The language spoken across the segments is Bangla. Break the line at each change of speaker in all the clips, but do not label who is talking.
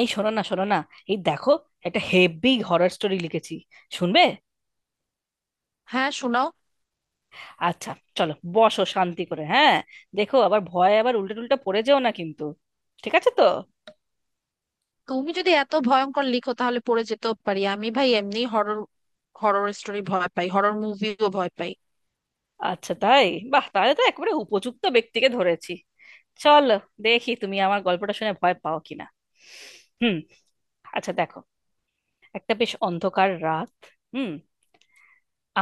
এই শোনো না, এই দেখো, একটা হেভি হরর স্টোরি লিখেছি। শুনবে?
হ্যাঁ, শোনাও।
আচ্ছা, চলো বসো শান্তি করে। হ্যাঁ দেখো, আবার ভয়ে আবার উল্টে টুল্টা পড়ে যেও না কিন্তু। ঠিক আছে তো?
তুমি যদি এত ভয়ঙ্কর লিখো, তাহলে পড়ে যেতেও পারি। আমি ভাই এমনি হরর, হরর স্টোরি ভয় পাই, হরর মুভিও ভয় পাই।
আচ্ছা তাই? বাহ, তাহলে তো একেবারে উপযুক্ত ব্যক্তিকে ধরেছি। চলো, দেখি তুমি আমার গল্পটা শুনে ভয় পাও কিনা। হুম। আচ্ছা দেখো, একটা বেশ অন্ধকার রাত। হুম।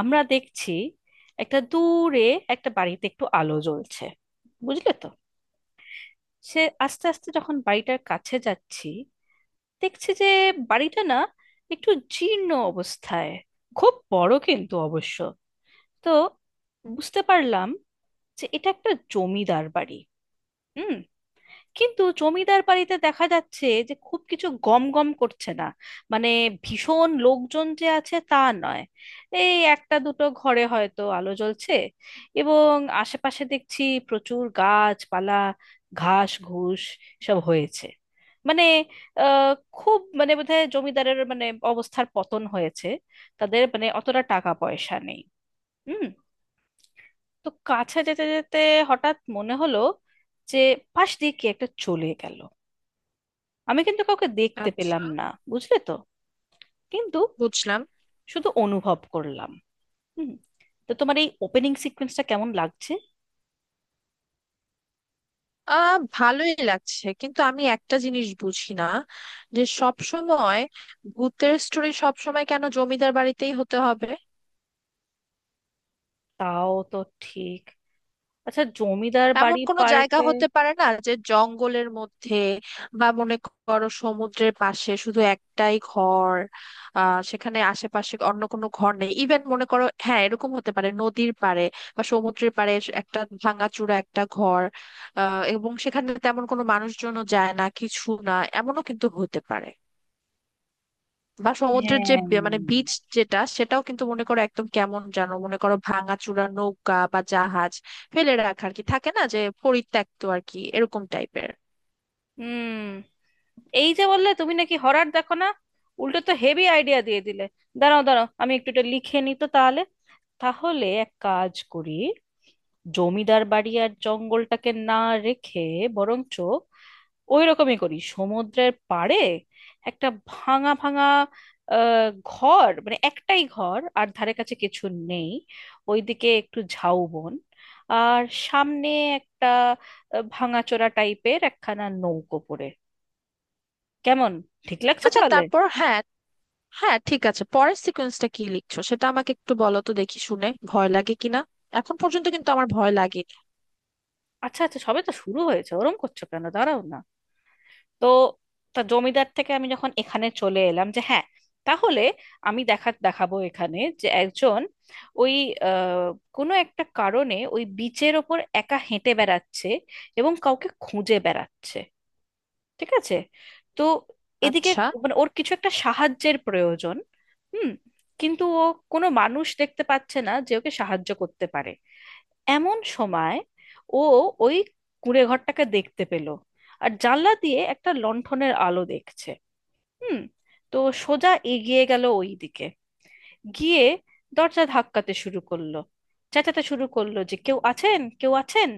আমরা দেখছি একটা দূরে, একটা বাড়িতে একটু আলো জ্বলছে। বুঝলে তো? সে আস্তে আস্তে যখন বাড়িটার কাছে যাচ্ছি, দেখছি যে বাড়িটা না একটু জীর্ণ অবস্থায়, খুব বড় কিন্তু অবশ্য। তো বুঝতে পারলাম যে এটা একটা জমিদার বাড়ি। হুম। কিন্তু জমিদার বাড়িতে দেখা যাচ্ছে যে খুব কিছু গম গম করছে না। মানে ভীষণ লোকজন যে আছে তা নয়। এই একটা দুটো ঘরে হয়তো আলো জ্বলছে। এবং আশেপাশে দেখছি প্রচুর গাছপালা, ঘাস ঘুষ সব হয়েছে। মানে আহ খুব মানে বোধহয় জমিদারের মানে অবস্থার পতন হয়েছে। তাদের মানে অতটা টাকা পয়সা নেই। হুম। তো কাছে যেতে যেতে হঠাৎ মনে হলো যে পাশ দিয়ে কি একটা চলে গেল। আমি কিন্তু কাউকে দেখতে পেলাম
আচ্ছা,
না, বুঝলে তো? কিন্তু
বুঝলাম।
শুধু অনুভব করলাম। হুম। তো তোমার এই ওপেনিং সিকোয়েন্সটা কেমন লাগছে?
ভালোই লাগছে, কিন্তু আমি একটা জিনিস বুঝি না, যে সব সময় ভূতের স্টোরি সব সময় কেন জমিদার বাড়িতেই হতে হবে?
তাও তো ঠিক। আচ্ছা, জমিদার
এমন
বাড়ি
কোনো জায়গা
পাল্টে।
হতে পারে না, যে জঙ্গলের মধ্যে, বা মনে করো সমুদ্রের পাশে শুধু একটাই ঘর? সেখানে আশেপাশে অন্য কোনো ঘর নেই। ইভেন মনে করো হ্যাঁ, এরকম হতে পারে, নদীর পাড়ে বা সমুদ্রের পাড়ে একটা ভাঙাচোরা একটা ঘর। এবং সেখানে তেমন কোনো মানুষজনও যায় না, কিছু না। এমনও কিন্তু হতে পারে, বা সমুদ্রের যে
হ্যাঁ।
মানে বিচ, যেটা, সেটাও কিন্তু মনে করো একদম কেমন যেন, মনে করো ভাঙাচোরা নৌকা বা জাহাজ ফেলে রাখা, আর কি, থাকে না যে পরিত্যক্ত, আর কি, এরকম টাইপের।
হুম। এই যে বললে তুমি নাকি হরর দেখো না, উল্টো তো হেভি আইডিয়া দিয়ে দিলে। দাঁড়াও দাঁড়াও আমি একটু এটা লিখে নিই তো তাহলে। তাহলে এক কাজ করি, জমিদার বাড়ি আর জঙ্গলটাকে না রেখে বরঞ্চ ওই রকমই করি সমুদ্রের পাড়ে একটা ভাঙা ভাঙা ঘর, মানে একটাই ঘর আর ধারে কাছে কিছু নেই। ওইদিকে একটু ঝাউবন, আর সামনে একটা ভাঙাচোরা টাইপের একখানা নৌকো পড়ে। কেমন, ঠিক লাগছে
আচ্ছা,
তাহলে?
তারপর? হ্যাঁ, হ্যাঁ, ঠিক আছে, পরের সিকোয়েন্সটা কি লিখছো সেটা আমাকে একটু বলো তো, দেখি শুনে ভয় লাগে কিনা। এখন পর্যন্ত কিন্তু আমার ভয় লাগে।
আচ্ছা আচ্ছা, সবে তো শুরু হয়েছে, ওরম করছো কেন, দাঁড়াও না। তো তা জমিদার থেকে আমি যখন এখানে চলে এলাম, যে হ্যাঁ তাহলে আমি দেখা দেখাবো এখানে যে একজন ওই আহ, কোনো একটা কারণে ওই বিচের ওপর একা হেঁটে বেড়াচ্ছে এবং কাউকে খুঁজে বেড়াচ্ছে। ঠিক আছে? তো এদিকে
আচ্ছা,
মানে ওর কিছু একটা সাহায্যের প্রয়োজন। হুম। কিন্তু ও কোনো মানুষ দেখতে পাচ্ছে না যে ওকে সাহায্য করতে পারে। এমন সময় ও ওই কুঁড়ে ঘরটাকে দেখতে পেল, আর জানলা দিয়ে একটা লণ্ঠনের আলো দেখছে। হুম। তো সোজা এগিয়ে গেল ওই দিকে, গিয়ে দরজা ধাক্কাতে শুরু করলো, চেঁচাতে শুরু করলো যে কেউ আছেন, কেউ আছেন।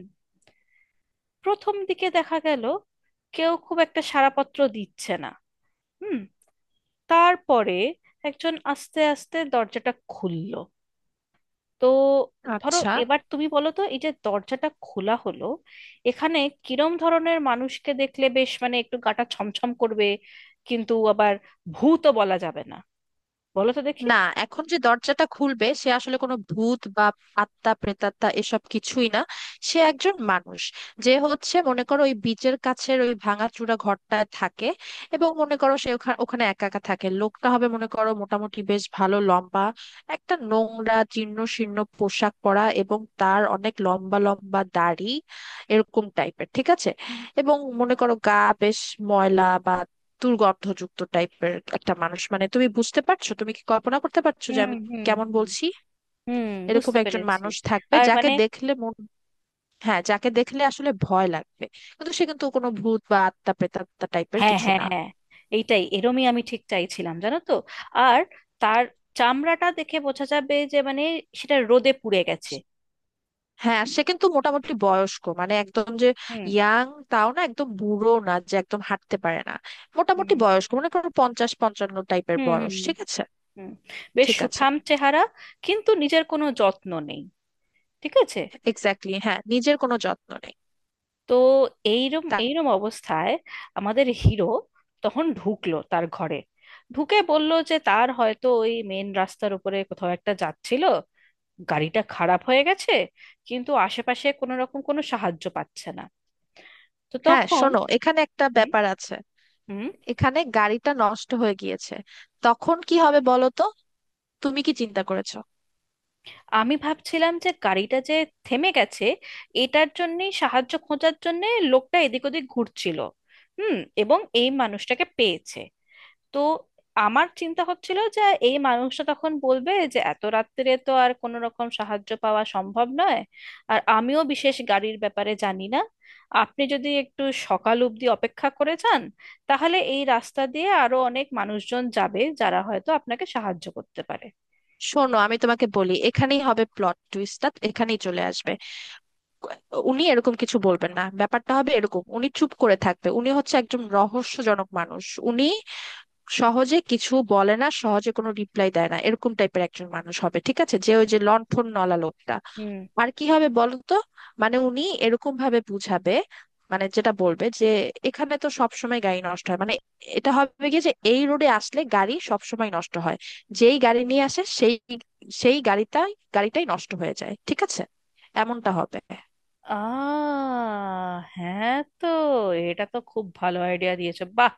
প্রথম দিকে দেখা গেল কেউ খুব একটা সাড়াপত্র দিচ্ছে না। হুম। তারপরে একজন আস্তে আস্তে দরজাটা খুলল। তো ধরো
আচ্ছা।
এবার তুমি বলো তো এই যে দরজাটা খোলা হলো, এখানে কিরম ধরনের মানুষকে দেখলে বেশ মানে একটু গাটা ছমছম করবে কিন্তু আবার ভূতও বলা যাবে না, বলো তো দেখি।
না, এখন যে দরজাটা খুলবে, সে আসলে কোনো ভূত বা আত্মা, প্রেতাত্মা এসব কিছুই না। সে একজন মানুষ, যে হচ্ছে মনে করো ওই বিচের কাছের ওই ভাঙাচুরা ঘরটায় থাকে। এবং মনে করো সে ওখানে, একা একা থাকে। লোকটা হবে মনে করো মোটামুটি বেশ ভালো লম্বা, একটা নোংরা জীর্ণ শীর্ণ পোশাক পরা, এবং তার অনেক লম্বা লম্বা দাড়ি, এরকম টাইপের, ঠিক আছে? এবং মনে করো গা বেশ ময়লা বা দুর্গন্ধযুক্ত টাইপের একটা মানুষ, মানে তুমি বুঝতে পারছো, তুমি কি কল্পনা করতে পারছো যে
হুম
আমি
হুম
কেমন
হুম
বলছি?
হুম,
এরকম
বুঝতে
একজন
পেরেছি।
মানুষ থাকবে,
আর
যাকে
মানে
দেখলে মন, হ্যাঁ, যাকে দেখলে আসলে ভয় লাগবে, কিন্তু সে কিন্তু কোনো ভূত বা আত্মা প্রেতাত্মা টাইপের
হ্যাঁ
কিছু
হ্যাঁ
না।
হ্যাঁ, এইটাই এরমই আমি ঠিক চাইছিলাম, জানো তো? আর তার চামড়াটা দেখে বোঝা যাবে যে মানে সেটা রোদে পুড়ে গেছে।
হ্যাঁ, সে কিন্তু মোটামুটি বয়স্ক, মানে একদম যে
হুম।
ইয়াং তাও না, একদম বুড়ো না যে একদম হাঁটতে পারে না, মোটামুটি
হুম।
বয়স্ক, মনে করো পঞ্চাশ পঞ্চান্ন টাইপের
হুম,
বয়স, ঠিক আছে।
হুম। বেশ
ঠিক আছে,
সুঠাম চেহারা, কিন্তু নিজের কোনো যত্ন নেই। ঠিক আছে?
এক্স্যাক্টলি, হ্যাঁ, নিজের কোনো যত্ন নেই।
তো এইরম
তা-
এইরম অবস্থায় আমাদের হিরো তখন ঢুকলো তার ঘরে, ঢুকে বলল যে তার হয়তো ওই মেন রাস্তার উপরে কোথাও একটা যাচ্ছিল, গাড়িটা খারাপ হয়ে গেছে, কিন্তু আশেপাশে কোনো রকম কোনো সাহায্য পাচ্ছে না। তো
হ্যাঁ
তখন
শোনো, এখানে একটা
হুম।
ব্যাপার আছে।
হুম,
এখানে গাড়িটা নষ্ট হয়ে গিয়েছে, তখন কি হবে বলো তো? তুমি কি চিন্তা করেছো?
আমি ভাবছিলাম যে গাড়িটা যে থেমে গেছে, এটার জন্যই সাহায্য খোঁজার জন্য লোকটা এদিক ওদিক ঘুরছিল। হুম। এবং এই মানুষটাকে পেয়েছে। তো আমার চিন্তা হচ্ছিল যে এই মানুষটা তখন বলবে যে এত রাত্রে তো আর কোনো রকম সাহায্য পাওয়া সম্ভব নয়, আর আমিও বিশেষ গাড়ির ব্যাপারে জানি না। আপনি যদি একটু সকাল অবধি অপেক্ষা করে যান, তাহলে এই রাস্তা দিয়ে আরো অনেক মানুষজন যাবে, যারা হয়তো আপনাকে সাহায্য করতে পারে।
শোনো, আমি তোমাকে বলি, এখানেই হবে প্লট টুইস্টটা, এখানেই চলে আসবে। উনি এরকম কিছু বলবেন না, ব্যাপারটা হবে এরকম, উনি চুপ করে থাকবে। উনি হচ্ছে একজন রহস্যজনক মানুষ, উনি সহজে কিছু বলে না, সহজে কোনো রিপ্লাই দেয় না, এরকম টাইপের একজন মানুষ হবে, ঠিক আছে, যে ওই যে লণ্ঠন নলা লোকটা।
হুম।
আর কি হবে বলো তো? মানে উনি এরকম ভাবে বুঝাবে, মানে যেটা বলবে যে এখানে তো সব সময় গাড়ি নষ্ট হয়, মানে এটা হবে কি যে এই রোডে আসলে গাড়ি সব সময় নষ্ট হয়, যেই গাড়ি নিয়ে আসে, সেই সেই গাড়িটাই গাড়িটাই নষ্ট হয়ে যায়, ঠিক আছে? এমনটা হবে।
আহ হ্যাঁ, তো এটা তো খুব ভালো আইডিয়া দিয়েছো, বাহ।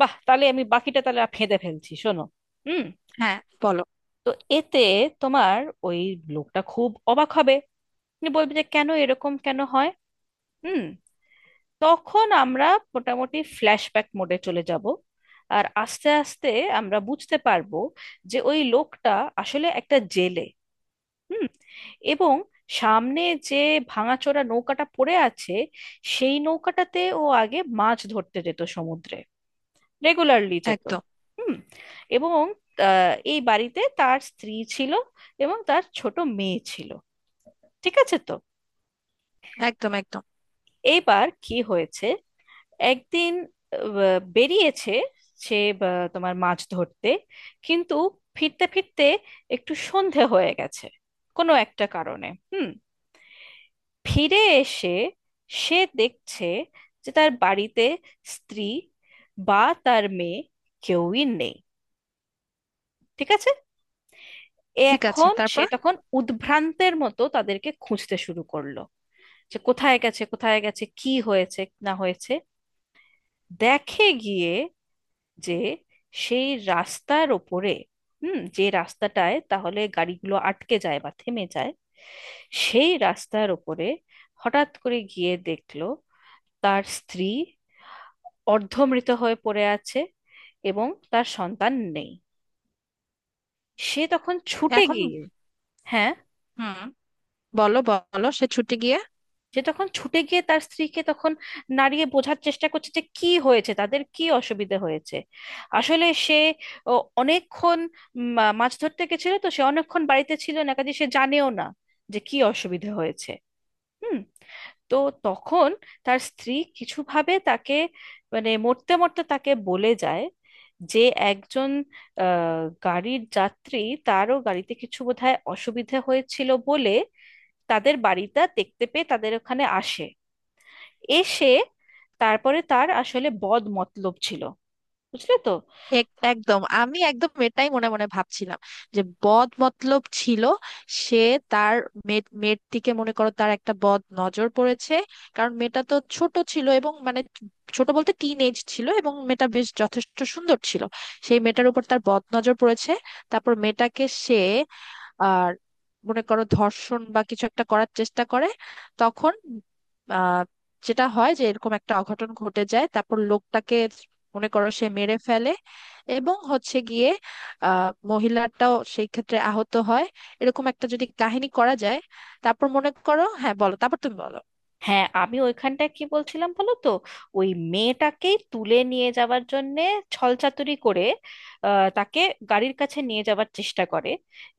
বাহ, তাহলে আমি বাকিটা তাহলে আর ফেঁদে ফেলছি, শোনো। হুম।
হ্যাঁ, বলো।
তো এতে তোমার ওই লোকটা খুব অবাক হবে। উনি বলবে যে কেন এরকম, কেন হয়। হুম। তখন আমরা মোটামুটি ফ্ল্যাশব্যাক মোডে চলে যাব। আর আস্তে আস্তে আমরা বুঝতে পারবো যে ওই লোকটা আসলে একটা জেলে। হুম। এবং সামনে যে ভাঙাচোরা নৌকাটা পড়ে আছে, সেই নৌকাটাতে ও আগে মাছ ধরতে যেত সমুদ্রে, রেগুলারলি যেত।
একদম,
হুম। এবং এই বাড়িতে তার স্ত্রী ছিল এবং তার ছোট মেয়ে ছিল। ঠিক আছে তো?
একদম, একদম।
এইবার কি হয়েছে, একদিন বেরিয়েছে সে তোমার মাছ ধরতে। কিন্তু ফিরতে ফিরতে একটু সন্ধে হয়ে গেছে কোনো একটা কারণে। হুম। ফিরে এসে সে দেখছে যে তার বাড়িতে স্ত্রী বা তার মেয়ে কেউই নেই। ঠিক আছে?
ঠিক আছে,
এখন সে
তারপর?
তখন উদ্ভ্রান্তের মতো তাদেরকে খুঁজতে শুরু করলো যে কোথায় গেছে, কোথায় গেছে, কি হয়েছে না হয়েছে। দেখে গিয়ে যে সেই রাস্তার ওপরে, হুম, যে রাস্তাটায় তাহলে গাড়িগুলো আটকে যায় বা থেমে যায়, সেই রাস্তার ওপরে হঠাৎ করে গিয়ে দেখলো তার স্ত্রী অর্ধমৃত হয়ে পড়ে আছে, এবং তার সন্তান নেই। সে তখন ছুটে
এখন,
গিয়ে, হ্যাঁ,
হুম, বলো বলো, সে ছুটে গিয়ে।
সে তখন ছুটে গিয়ে তার স্ত্রীকে তখন নাড়িয়ে বোঝার চেষ্টা করছে যে কি হয়েছে, তাদের কি অসুবিধা হয়েছে। আসলে সে ও, অনেকক্ষণ মাছ ধরতে গেছিল তো, সে অনেকক্ষণ বাড়িতে ছিল না কাজে, সে জানেও না যে কি অসুবিধা হয়েছে। হুম। তো তখন তার স্ত্রী কিছুভাবে তাকে, মানে মরতে মরতে তাকে বলে যায় যে একজন আহ, গাড়ির যাত্রী, তারও গাড়িতে কিছু বোধহয় অসুবিধে হয়েছিল বলে তাদের বাড়িটা দেখতে পেয়ে তাদের ওখানে আসে। এসে তারপরে তার আসলে বদ মতলব ছিল, বুঝলে তো?
একদম, আমি একদম এটাই মনে মনে ভাবছিলাম, যে বদ মতলব ছিল। সে তার মেয়ের দিকে, মনে করো তার একটা বদ নজর পড়েছে, কারণ মেয়েটা তো ছোট ছিল, এবং মানে ছোট বলতে টিন এজ ছিল, এবং মেয়েটা বেশ যথেষ্ট সুন্দর ছিল, সেই মেয়েটার উপর তার বদ নজর পড়েছে। তারপর মেয়েটাকে সে, আর মনে করো ধর্ষণ বা কিছু একটা করার চেষ্টা করে। তখন আহ যেটা হয়, যে এরকম একটা অঘটন ঘটে যায়, তারপর লোকটাকে মনে করো সে মেরে ফেলে, এবং হচ্ছে গিয়ে মহিলাটাও সেই ক্ষেত্রে আহত হয়। এরকম একটা যদি কাহিনী করা যায়, তারপর মনে করো, হ্যাঁ বলো, তারপর তুমি বলো।
হ্যাঁ আমি ওইখানটায় কি বলছিলাম বলো তো, ওই মেয়েটাকেই তুলে নিয়ে যাওয়ার জন্যে ছলচাতুরি করে তাকে গাড়ির কাছে নিয়ে যাওয়ার চেষ্টা করে।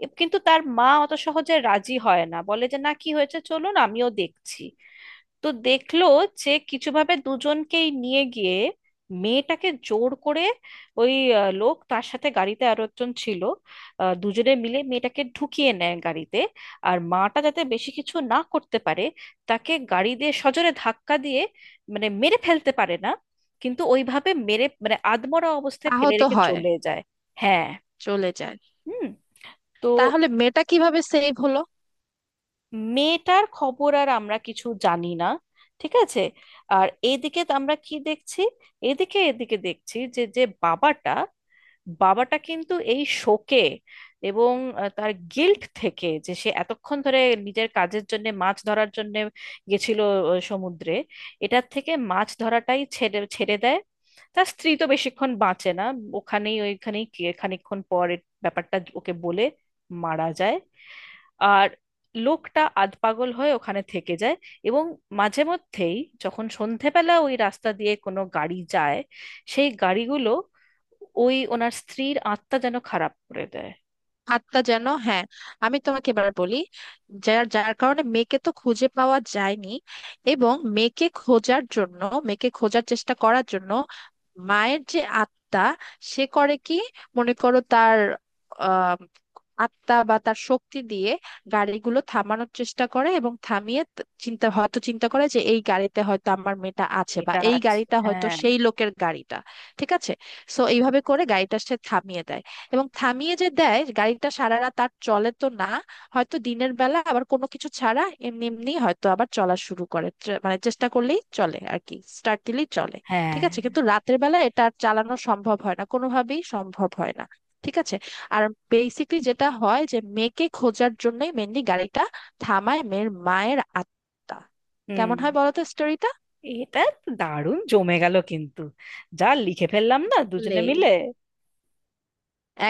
কিন্তু তার মা অত সহজে রাজি হয় না, বলে যে না কি হয়েছে চলুন আমিও দেখছি। তো দেখলো যে কিছুভাবে দুজনকেই নিয়ে গিয়ে মেয়েটাকে জোর করে ওই লোক তার সাথে গাড়িতে আরো একজন ছিল, দুজনে মিলে মেয়েটাকে ঢুকিয়ে নেয় গাড়িতে। আর মাটা যাতে বেশি কিছু না করতে পারে, তাকে গাড়ি দিয়ে সজোরে ধাক্কা দিয়ে, মানে মেরে ফেলতে পারে না, কিন্তু ওইভাবে মেরে মানে আধমরা অবস্থায় ফেলে
আহত
রেখে
হয়,
চলে যায়। হ্যাঁ।
চলে যায়।
হুম। তো
তাহলে মেয়েটা কিভাবে সেভ হলো?
মেয়েটার খবর আর আমরা কিছু জানি না। ঠিক আছে? আর এদিকে তো আমরা কি দেখছি, এদিকে এদিকে দেখছি যে যে বাবাটা, বাবাটা কিন্তু এই শোকে এবং তার গিল্ট থেকে যে সে এতক্ষণ ধরে নিজের কাজের জন্য মাছ ধরার জন্য গেছিল সমুদ্রে, এটার থেকে মাছ ধরাটাই ছেড়ে ছেড়ে দেয়। তার স্ত্রী তো বেশিক্ষণ বাঁচে না, ওখানেই ওইখানেই খানিকক্ষণ পর ব্যাপারটা ওকে বলে মারা যায়। আর লোকটা আধপাগল হয়ে ওখানে থেকে যায়, এবং মাঝে মধ্যেই যখন সন্ধেবেলা ওই রাস্তা দিয়ে কোনো গাড়ি যায়, সেই গাড়িগুলো ওই ওনার স্ত্রীর আত্মা যেন খারাপ করে দেয়।
আত্মা যেন, হ্যাঁ। আমি তোমাকে এবার বলি, যার যার কারণে মেয়েকে তো খুঁজে পাওয়া যায়নি, এবং মেয়েকে খোঁজার জন্য, মেয়েকে খোঁজার চেষ্টা করার জন্য মায়ের যে আত্মা, সে করে কি, মনে করো তার আহ আত্মা বা তার শক্তি দিয়ে গাড়িগুলো থামানোর চেষ্টা করে, এবং থামিয়ে চিন্তা, হয়তো চিন্তা করে, যে এই গাড়িতে হয়তো আমার মেয়েটা আছে, বা
এটা
এই
আছে।
গাড়িটা হয়তো
হ্যাঁ।
সেই লোকের গাড়িটা। ঠিক আছে, সো এইভাবে করে গাড়িটা সে থামিয়ে দেয়, এবং থামিয়ে যে দেয়, গাড়িটা সারা রাত আর চলে তো না। হয়তো দিনের বেলা আবার কোনো কিছু ছাড়া এমনি এমনি হয়তো আবার চলা শুরু করে, মানে চেষ্টা করলেই চলে আর কি, স্টার্ট দিলেই চলে। ঠিক
হ্যাঁ।
আছে, কিন্তু রাতের বেলা এটা আর চালানো সম্ভব হয় না, কোনোভাবেই সম্ভব হয় না, ঠিক আছে। আর বেসিকলি যেটা হয়, যে মেয়েকে খোঁজার জন্যই মেনলি গাড়িটা থামায় মেয়ের, মায়ের আত্মা। কেমন
হুম।
হয় বলো তো স্টোরিটা?
এটা তো দারুণ জমে গেল কিন্তু, যা লিখে ফেললাম না
আসলে
দুজনে মিলে।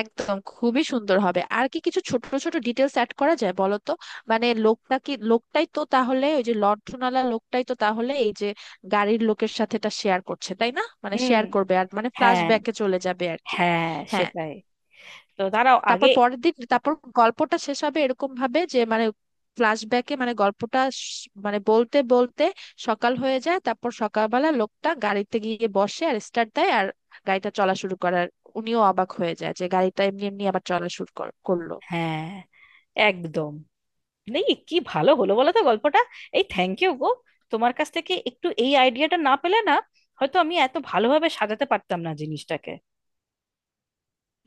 একদম খুবই সুন্দর হবে আর কি। কিছু ছোট ছোট ডিটেলস অ্যাড করা যায় বলো তো। মানে লোকটা কি, লোকটাই তো তাহলে, ওই যে লণ্ঠনওয়ালা লোকটাই তো তাহলে এই যে গাড়ির লোকের সাথে এটা শেয়ার করছে, তাই না, মানে
হুম।
শেয়ার করবে, আর মানে ফ্ল্যাশ
হ্যাঁ।
ব্যাকে চলে যাবে আর কি।
হ্যাঁ।
হ্যাঁ,
সেটাই। তো দাঁড়াও
তারপর
আগে।
পরের দিন, তারপর গল্পটা শেষ হবে এরকম ভাবে যে, মানে ফ্ল্যাশব্যাকে মানে গল্পটা মানে বলতে বলতে সকাল হয়ে যায়, তারপর সকালবেলা লোকটা গাড়িতে গিয়ে বসে আর স্টার্ট দেয়, আর গাড়িটা চলা শুরু করার, উনিও অবাক হয়ে যায় যে গাড়িটা এমনি এমনি আবার চলা শুরু করলো।
হ্যাঁ। একদম। নেই কি ভালো হলো বলো তো গল্পটা। এই থ্যাংক ইউ গো, তোমার কাছ থেকে একটু এই আইডিয়াটা না পেলে না, হয়তো আমি এত ভালোভাবে সাজাতে পারতাম না জিনিসটাকে।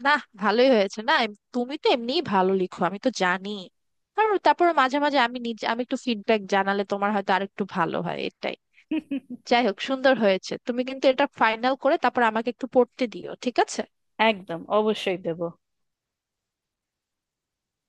না, ভালোই হয়েছে। না তুমি তো এমনিই ভালো লিখো, আমি তো জানি। আর তারপর মাঝে মাঝে আমি নিজে, আমি একটু ফিডব্যাক জানালে তোমার হয়তো আরেকটু ভালো হয়, এটাই। যাই হোক, সুন্দর হয়েছে। তুমি কিন্তু এটা ফাইনাল করে তারপর আমাকে একটু পড়তে দিও, ঠিক আছে।
একদম, অবশ্যই দেবো।